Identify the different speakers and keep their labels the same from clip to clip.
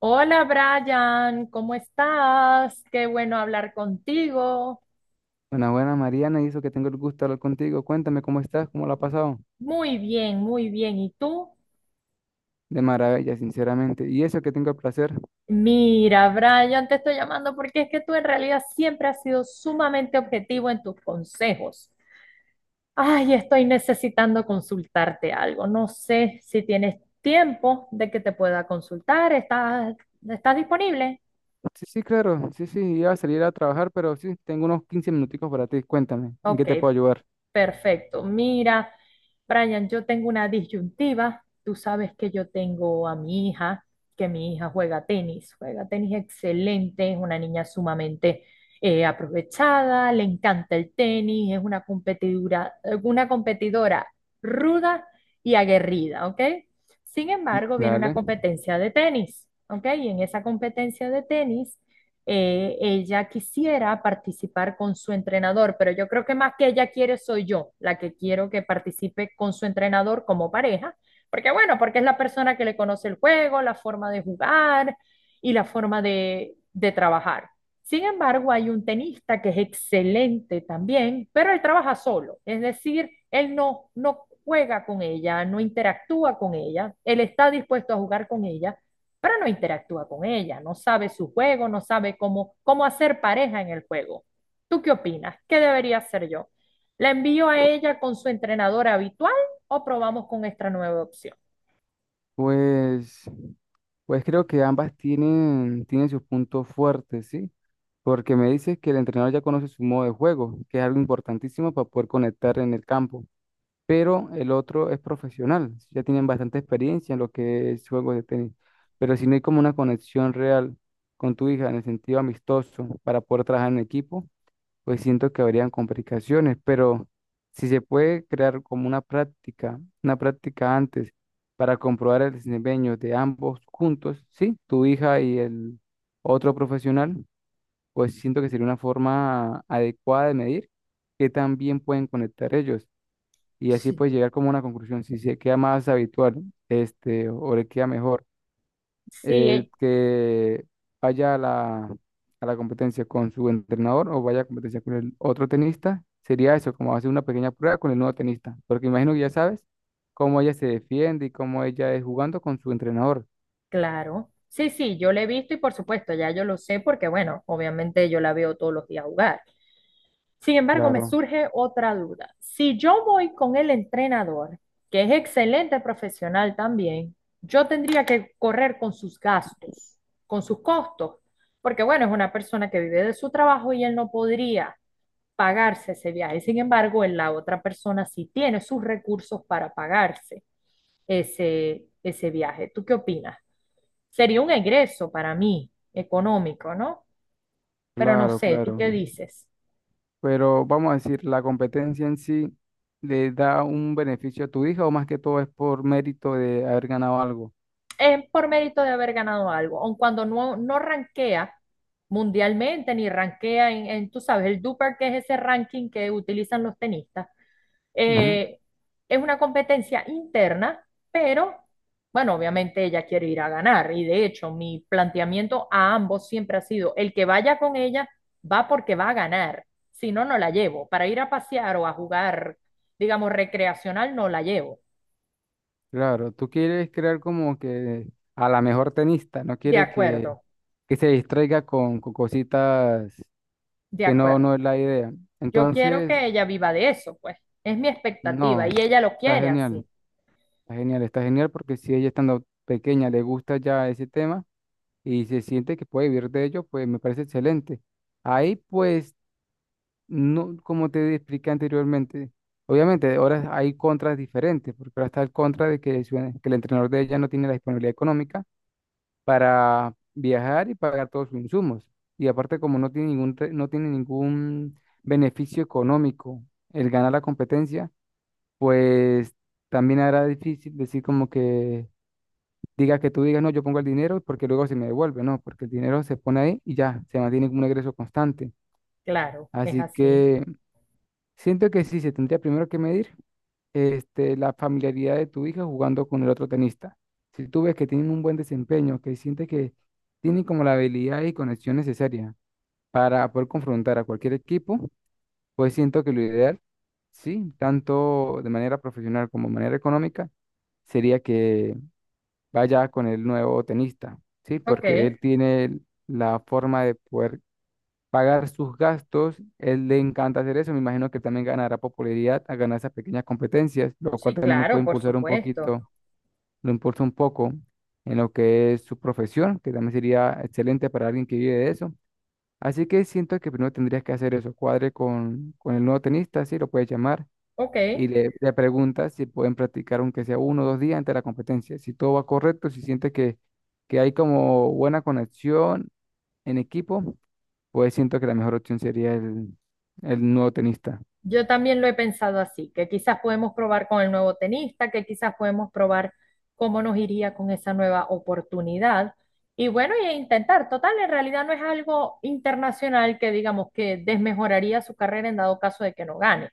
Speaker 1: Hola Brian, ¿cómo estás? Qué bueno hablar contigo.
Speaker 2: Buenas, buenas, Mariana, y eso que tengo el gusto de hablar contigo. Cuéntame cómo estás, cómo lo has pasado.
Speaker 1: Muy bien, muy bien. ¿Y tú?
Speaker 2: De maravilla, sinceramente. Y eso que tengo el placer.
Speaker 1: Mira, Brian, te estoy llamando porque es que tú en realidad siempre has sido sumamente objetivo en tus consejos. Ay, estoy necesitando consultarte algo. No sé si tienes tiempo de que te pueda consultar. ¿Estás disponible?
Speaker 2: Sí, sí, claro. Sí, sí, iba a salir a trabajar, pero sí, tengo unos 15 minuticos para ti. Cuéntame, ¿en qué
Speaker 1: Ok,
Speaker 2: te puedo ayudar?
Speaker 1: perfecto. Mira, Brian, yo tengo una disyuntiva. Tú sabes que yo tengo a mi hija, que mi hija juega tenis excelente, es una niña sumamente aprovechada, le encanta el tenis, es una competidora ruda y aguerrida, ¿ok? Sin
Speaker 2: Mm.
Speaker 1: embargo, viene una
Speaker 2: Dale.
Speaker 1: competencia de tenis, ¿ok? Y en esa competencia de tenis ella quisiera participar con su entrenador, pero yo creo que más que ella quiere soy yo, la que quiero que participe con su entrenador como pareja, porque bueno, porque es la persona que le conoce el juego, la forma de jugar y la forma de trabajar. Sin embargo, hay un tenista que es excelente también, pero él trabaja solo, es decir, él no juega con ella, no interactúa con ella, él está dispuesto a jugar con ella, pero no interactúa con ella, no sabe su juego, no sabe cómo hacer pareja en el juego. ¿Tú qué opinas? ¿Qué debería hacer yo? ¿La envío a ella con su entrenadora habitual o probamos con esta nueva opción?
Speaker 2: Pues, pues creo que ambas tienen, sus puntos fuertes, ¿sí? Porque me dices que el entrenador ya conoce su modo de juego, que es algo importantísimo para poder conectar en el campo, pero el otro es profesional, ya tienen bastante experiencia en lo que es juegos de tenis, pero si no hay como una conexión real con tu hija en el sentido amistoso para poder trabajar en equipo, pues siento que habrían complicaciones. Pero si se puede crear como una práctica antes para comprobar el desempeño de ambos juntos, ¿sí? Tu hija y el otro profesional, pues siento que sería una forma adecuada de medir que también pueden conectar ellos y así
Speaker 1: Sí.
Speaker 2: pues llegar como a una conclusión si se queda más habitual, o le queda mejor.
Speaker 1: Sí,
Speaker 2: Que vaya a la, competencia con su entrenador o vaya a competencia con el otro tenista, sería eso, como hacer una pequeña prueba con el nuevo tenista, porque imagino que ya sabes cómo ella se defiende y cómo ella es jugando con su entrenador.
Speaker 1: claro. Sí, yo la he visto y por supuesto, ya yo lo sé porque, bueno, obviamente yo la veo todos los días jugar. Sin embargo, me
Speaker 2: Claro,
Speaker 1: surge otra duda. Si yo voy con el entrenador, que es excelente profesional también, yo tendría que correr con sus gastos, con sus costos, porque bueno, es una persona que vive de su trabajo y él no podría pagarse ese viaje. Sin embargo, en la otra persona sí tiene sus recursos para pagarse ese viaje. ¿Tú qué opinas? Sería un egreso para mí económico, ¿no? Pero no
Speaker 2: claro,
Speaker 1: sé, ¿tú
Speaker 2: claro.
Speaker 1: qué dices?
Speaker 2: Pero vamos a decir, la competencia en sí, ¿le da un beneficio a tu hija o más que todo es por mérito de haber ganado algo?
Speaker 1: Es por mérito de haber ganado algo, aun cuando no rankea mundialmente ni rankea en, tú sabes, el Duper, que es ese ranking que utilizan los tenistas.
Speaker 2: Ujú.
Speaker 1: Eh, es una competencia interna, pero bueno, obviamente ella quiere ir a ganar y de hecho mi planteamiento a ambos siempre ha sido, el que vaya con ella va porque va a ganar, si no, no la llevo. Para ir a pasear o a jugar, digamos, recreacional, no la llevo.
Speaker 2: Claro, tú quieres crear como que a la mejor tenista. No
Speaker 1: De
Speaker 2: quieres que,
Speaker 1: acuerdo,
Speaker 2: se distraiga con, cositas,
Speaker 1: de
Speaker 2: que no,
Speaker 1: acuerdo.
Speaker 2: no es la idea.
Speaker 1: Yo quiero
Speaker 2: Entonces
Speaker 1: que ella viva de eso, pues. Es mi expectativa y
Speaker 2: no,
Speaker 1: ella lo
Speaker 2: está
Speaker 1: quiere
Speaker 2: genial,
Speaker 1: así.
Speaker 2: está genial, está genial, porque si ella estando pequeña le gusta ya ese tema y se siente que puede vivir de ello, pues me parece excelente. Ahí pues, no, como te expliqué anteriormente, obviamente ahora hay contras diferentes, porque ahora está el contra de que, que el entrenador de ella no tiene la disponibilidad económica para viajar y pagar todos sus insumos. Y aparte, como no tiene ningún beneficio económico el ganar la competencia, pues también era difícil decir como que diga, que tú digas, no, yo pongo el dinero porque luego se me devuelve. No, porque el dinero se pone ahí y ya, se mantiene como un ingreso constante.
Speaker 1: Claro, es
Speaker 2: Así
Speaker 1: así.
Speaker 2: que siento que sí, se tendría primero que medir, la familiaridad de tu hija jugando con el otro tenista. Si tú ves que tienen un buen desempeño, que sientes que tienen como la habilidad y conexión necesaria para poder confrontar a cualquier equipo, pues siento que lo ideal, sí, tanto de manera profesional como de manera económica, sería que vaya con el nuevo tenista, ¿sí?
Speaker 1: Ok,
Speaker 2: Porque él tiene la forma de poder pagar sus gastos. Él le encanta hacer eso. Me imagino que también ganará popularidad a ganar esas pequeñas competencias, lo cual
Speaker 1: sí,
Speaker 2: también lo
Speaker 1: claro,
Speaker 2: puede
Speaker 1: por
Speaker 2: impulsar un
Speaker 1: supuesto.
Speaker 2: poquito, lo impulsa un poco en lo que es su profesión, que también sería excelente para alguien que vive de eso. Así que siento que primero tendrías que hacer eso, cuadre con, el nuevo tenista, si lo puedes llamar,
Speaker 1: Ok,
Speaker 2: y le, preguntas si pueden practicar aunque sea 1 o 2 días antes de la competencia. Si todo va correcto, si sientes que, hay como buena conexión en equipo, pues siento que la mejor opción sería el, nuevo tenista.
Speaker 1: yo también lo he pensado así, que quizás podemos probar con el nuevo tenista, que quizás podemos probar cómo nos iría con esa nueva oportunidad. Y bueno, y intentar, total, en realidad no es algo internacional que digamos que desmejoraría su carrera en dado caso de que no gane.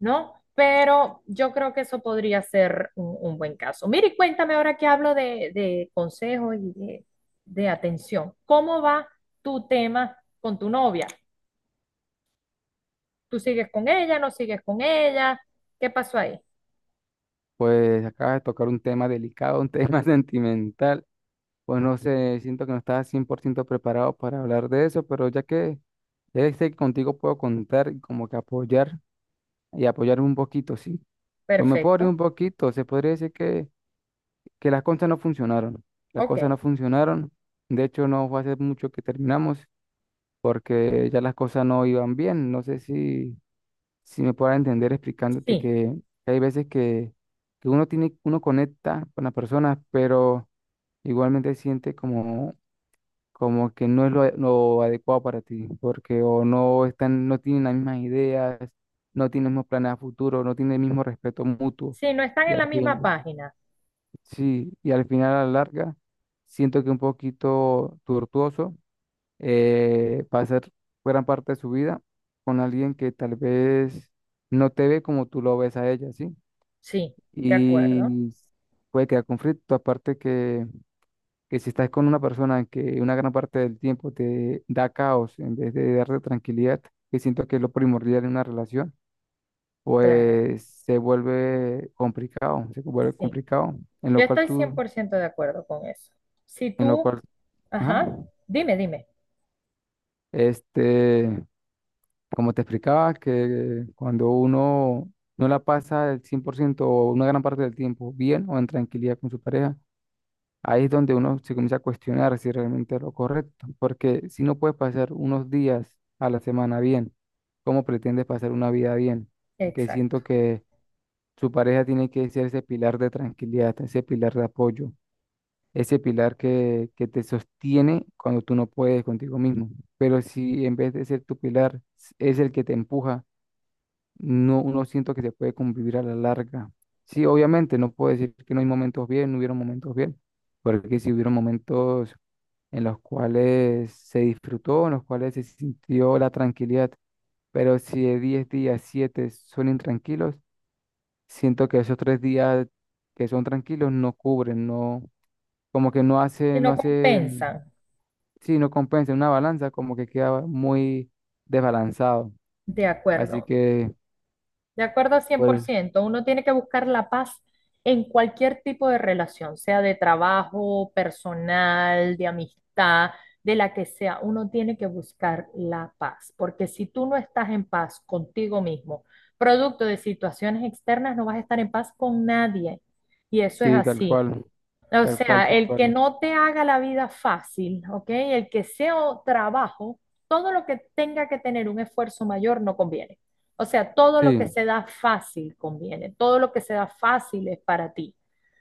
Speaker 1: ¿No? Pero yo creo que eso podría ser un buen caso. Mire, y cuéntame ahora que hablo de consejos y de atención. ¿Cómo va tu tema con tu novia? ¿Tú sigues con ella? ¿No sigues con ella? ¿Qué pasó ahí?
Speaker 2: Pues acaba de tocar un tema delicado, un tema sentimental. Pues no sé, siento que no estaba 100% preparado para hablar de eso, pero ya que, sé que contigo puedo contar y como que apoyar y apoyarme un poquito, sí. Pues me puedo abrir
Speaker 1: Perfecto.
Speaker 2: un poquito, se podría decir que, las cosas no funcionaron. Las cosas no
Speaker 1: Ok.
Speaker 2: funcionaron. De hecho, no fue hace mucho que terminamos, porque ya las cosas no iban bien. No sé si, si me puedo entender explicándote
Speaker 1: Sí.
Speaker 2: que, hay veces que, uno conecta con las personas, pero igualmente siente como, que no es lo, adecuado para ti, porque o no están, no tienen las mismas ideas, no tienen los mismos planes a futuro, no tienen el mismo respeto mutuo.
Speaker 1: Sí, no están
Speaker 2: Y
Speaker 1: en la
Speaker 2: al
Speaker 1: misma
Speaker 2: fin,
Speaker 1: página.
Speaker 2: sí, y al final, a la larga, siento que un poquito tortuoso pasar gran parte de su vida con alguien que tal vez no te ve como tú lo ves a ella, ¿sí?
Speaker 1: Sí, de acuerdo.
Speaker 2: Y puede crear conflicto. Aparte que, si estás con una persona que una gran parte del tiempo te da caos en vez de darte tranquilidad, que siento que es lo primordial en una relación,
Speaker 1: Claro.
Speaker 2: pues se vuelve complicado, se vuelve
Speaker 1: Sí.
Speaker 2: complicado.
Speaker 1: Yo estoy cien por ciento de acuerdo con eso. Si
Speaker 2: En lo
Speaker 1: tú,
Speaker 2: cual, ajá,
Speaker 1: ajá, dime, dime.
Speaker 2: este... como te explicaba, que cuando uno no la pasa el 100% o una gran parte del tiempo bien o en tranquilidad con su pareja, ahí es donde uno se comienza a cuestionar si realmente es lo correcto. Porque si no puedes pasar unos días a la semana bien, ¿cómo pretendes pasar una vida bien? Que
Speaker 1: Exacto.
Speaker 2: siento que su pareja tiene que ser ese pilar de tranquilidad, ese pilar de apoyo, ese pilar que, te sostiene cuando tú no puedes contigo mismo. Pero si en vez de ser tu pilar es el que te empuja, no, no siento que se puede convivir a la larga. Sí, obviamente, no puedo decir que no hay momentos bien, no hubieron momentos bien, porque sí hubieron momentos en los cuales se disfrutó, en los cuales se sintió la tranquilidad. Pero si de 10 días, 7 son intranquilos, siento que esos 3 días que son tranquilos no cubren, no, como que no
Speaker 1: Si
Speaker 2: hace, no
Speaker 1: no
Speaker 2: hacen,
Speaker 1: compensan.
Speaker 2: sí, no compensa, una balanza como que queda muy desbalanzado.
Speaker 1: De
Speaker 2: Así
Speaker 1: acuerdo,
Speaker 2: que
Speaker 1: de acuerdo a cien por
Speaker 2: pues,
Speaker 1: ciento. Uno tiene que buscar la paz en cualquier tipo de relación, sea de trabajo, personal, de amistad, de la que sea. Uno tiene que buscar la paz, porque si tú no estás en paz contigo mismo, producto de situaciones externas, no vas a estar en paz con nadie. Y eso es
Speaker 2: sí, tal
Speaker 1: así.
Speaker 2: cual.
Speaker 1: O
Speaker 2: Tal cual,
Speaker 1: sea,
Speaker 2: tal
Speaker 1: el que
Speaker 2: cual.
Speaker 1: no te haga la vida fácil, ¿ok? El que sea o- trabajo, todo lo que tenga que tener un esfuerzo mayor no conviene. O sea, todo lo
Speaker 2: Sí,
Speaker 1: que se da fácil conviene, todo lo que se da fácil es para ti.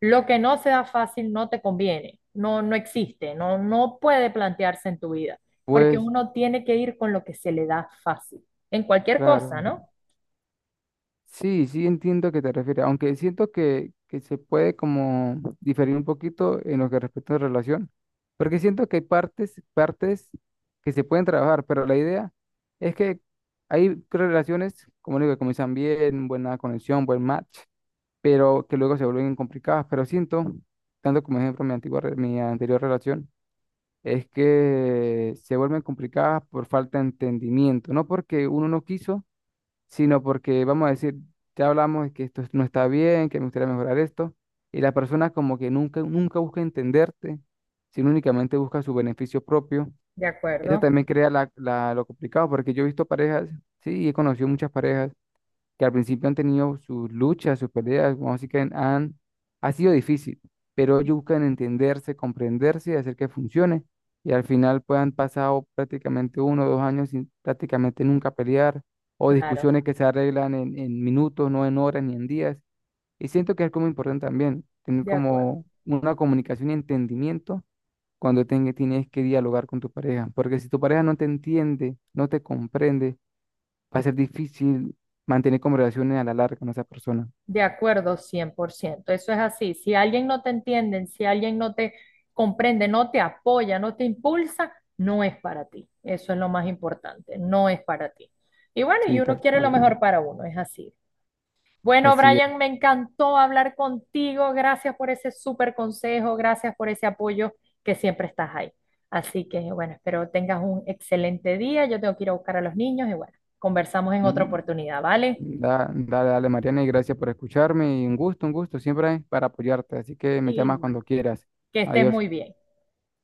Speaker 1: Lo que no se da fácil no te conviene, no existe, no puede plantearse en tu vida, porque
Speaker 2: pues
Speaker 1: uno tiene que ir con lo que se le da fácil, en cualquier cosa,
Speaker 2: claro.
Speaker 1: ¿no?
Speaker 2: Sí, sí, entiendo a qué te refieres, aunque siento que, se puede como diferir un poquito en lo que respecta a la relación, porque siento que hay partes, partes que se pueden trabajar, pero la idea es que hay relaciones, como digo, que comienzan bien, buena conexión, buen match, pero que luego se vuelven complicadas. Pero siento, tanto como ejemplo mi anterior relación, es que se vuelven complicadas por falta de entendimiento, no porque uno no quiso, sino porque vamos a decir, ya hablamos de que esto no está bien, que me gustaría mejorar esto, y la persona como que nunca, nunca busca entenderte, sino únicamente busca su beneficio propio.
Speaker 1: De
Speaker 2: Eso
Speaker 1: acuerdo,
Speaker 2: también crea lo complicado, porque yo he visto parejas, sí, he conocido muchas parejas que al principio han tenido sus luchas, sus peleas, como así que ha sido difícil, pero ellos buscan entenderse, comprenderse y hacer que funcione. Y al final pues han pasado prácticamente 1 o 2 años sin prácticamente nunca pelear, o
Speaker 1: claro,
Speaker 2: discusiones que se arreglan en, minutos, no en horas ni en días. Y siento que es como importante también tener
Speaker 1: de acuerdo.
Speaker 2: como una comunicación y entendimiento cuando tienes que dialogar con tu pareja, porque si tu pareja no te entiende, no te comprende, va a ser difícil mantener conversaciones a la larga con esa persona.
Speaker 1: De acuerdo, 100%. Eso es así. Si alguien no te entiende, si alguien no te comprende, no te apoya, no te impulsa, no es para ti. Eso es lo más importante, no es para ti. Y bueno, y
Speaker 2: Sí,
Speaker 1: uno
Speaker 2: tal
Speaker 1: quiere lo
Speaker 2: cual.
Speaker 1: mejor para uno, es así. Bueno,
Speaker 2: Así es.
Speaker 1: Brian, me encantó hablar contigo. Gracias por ese súper consejo, gracias por ese apoyo que siempre estás ahí. Así que bueno, espero tengas un excelente día. Yo tengo que ir a buscar a los niños y bueno, conversamos en otra
Speaker 2: Mm.
Speaker 1: oportunidad, ¿vale?
Speaker 2: Dale, dale, Mariana, y gracias por escucharme. Y un gusto, siempre para apoyarte. Así que me llamas cuando
Speaker 1: Igual.
Speaker 2: quieras.
Speaker 1: Que estés
Speaker 2: Adiós.
Speaker 1: muy bien.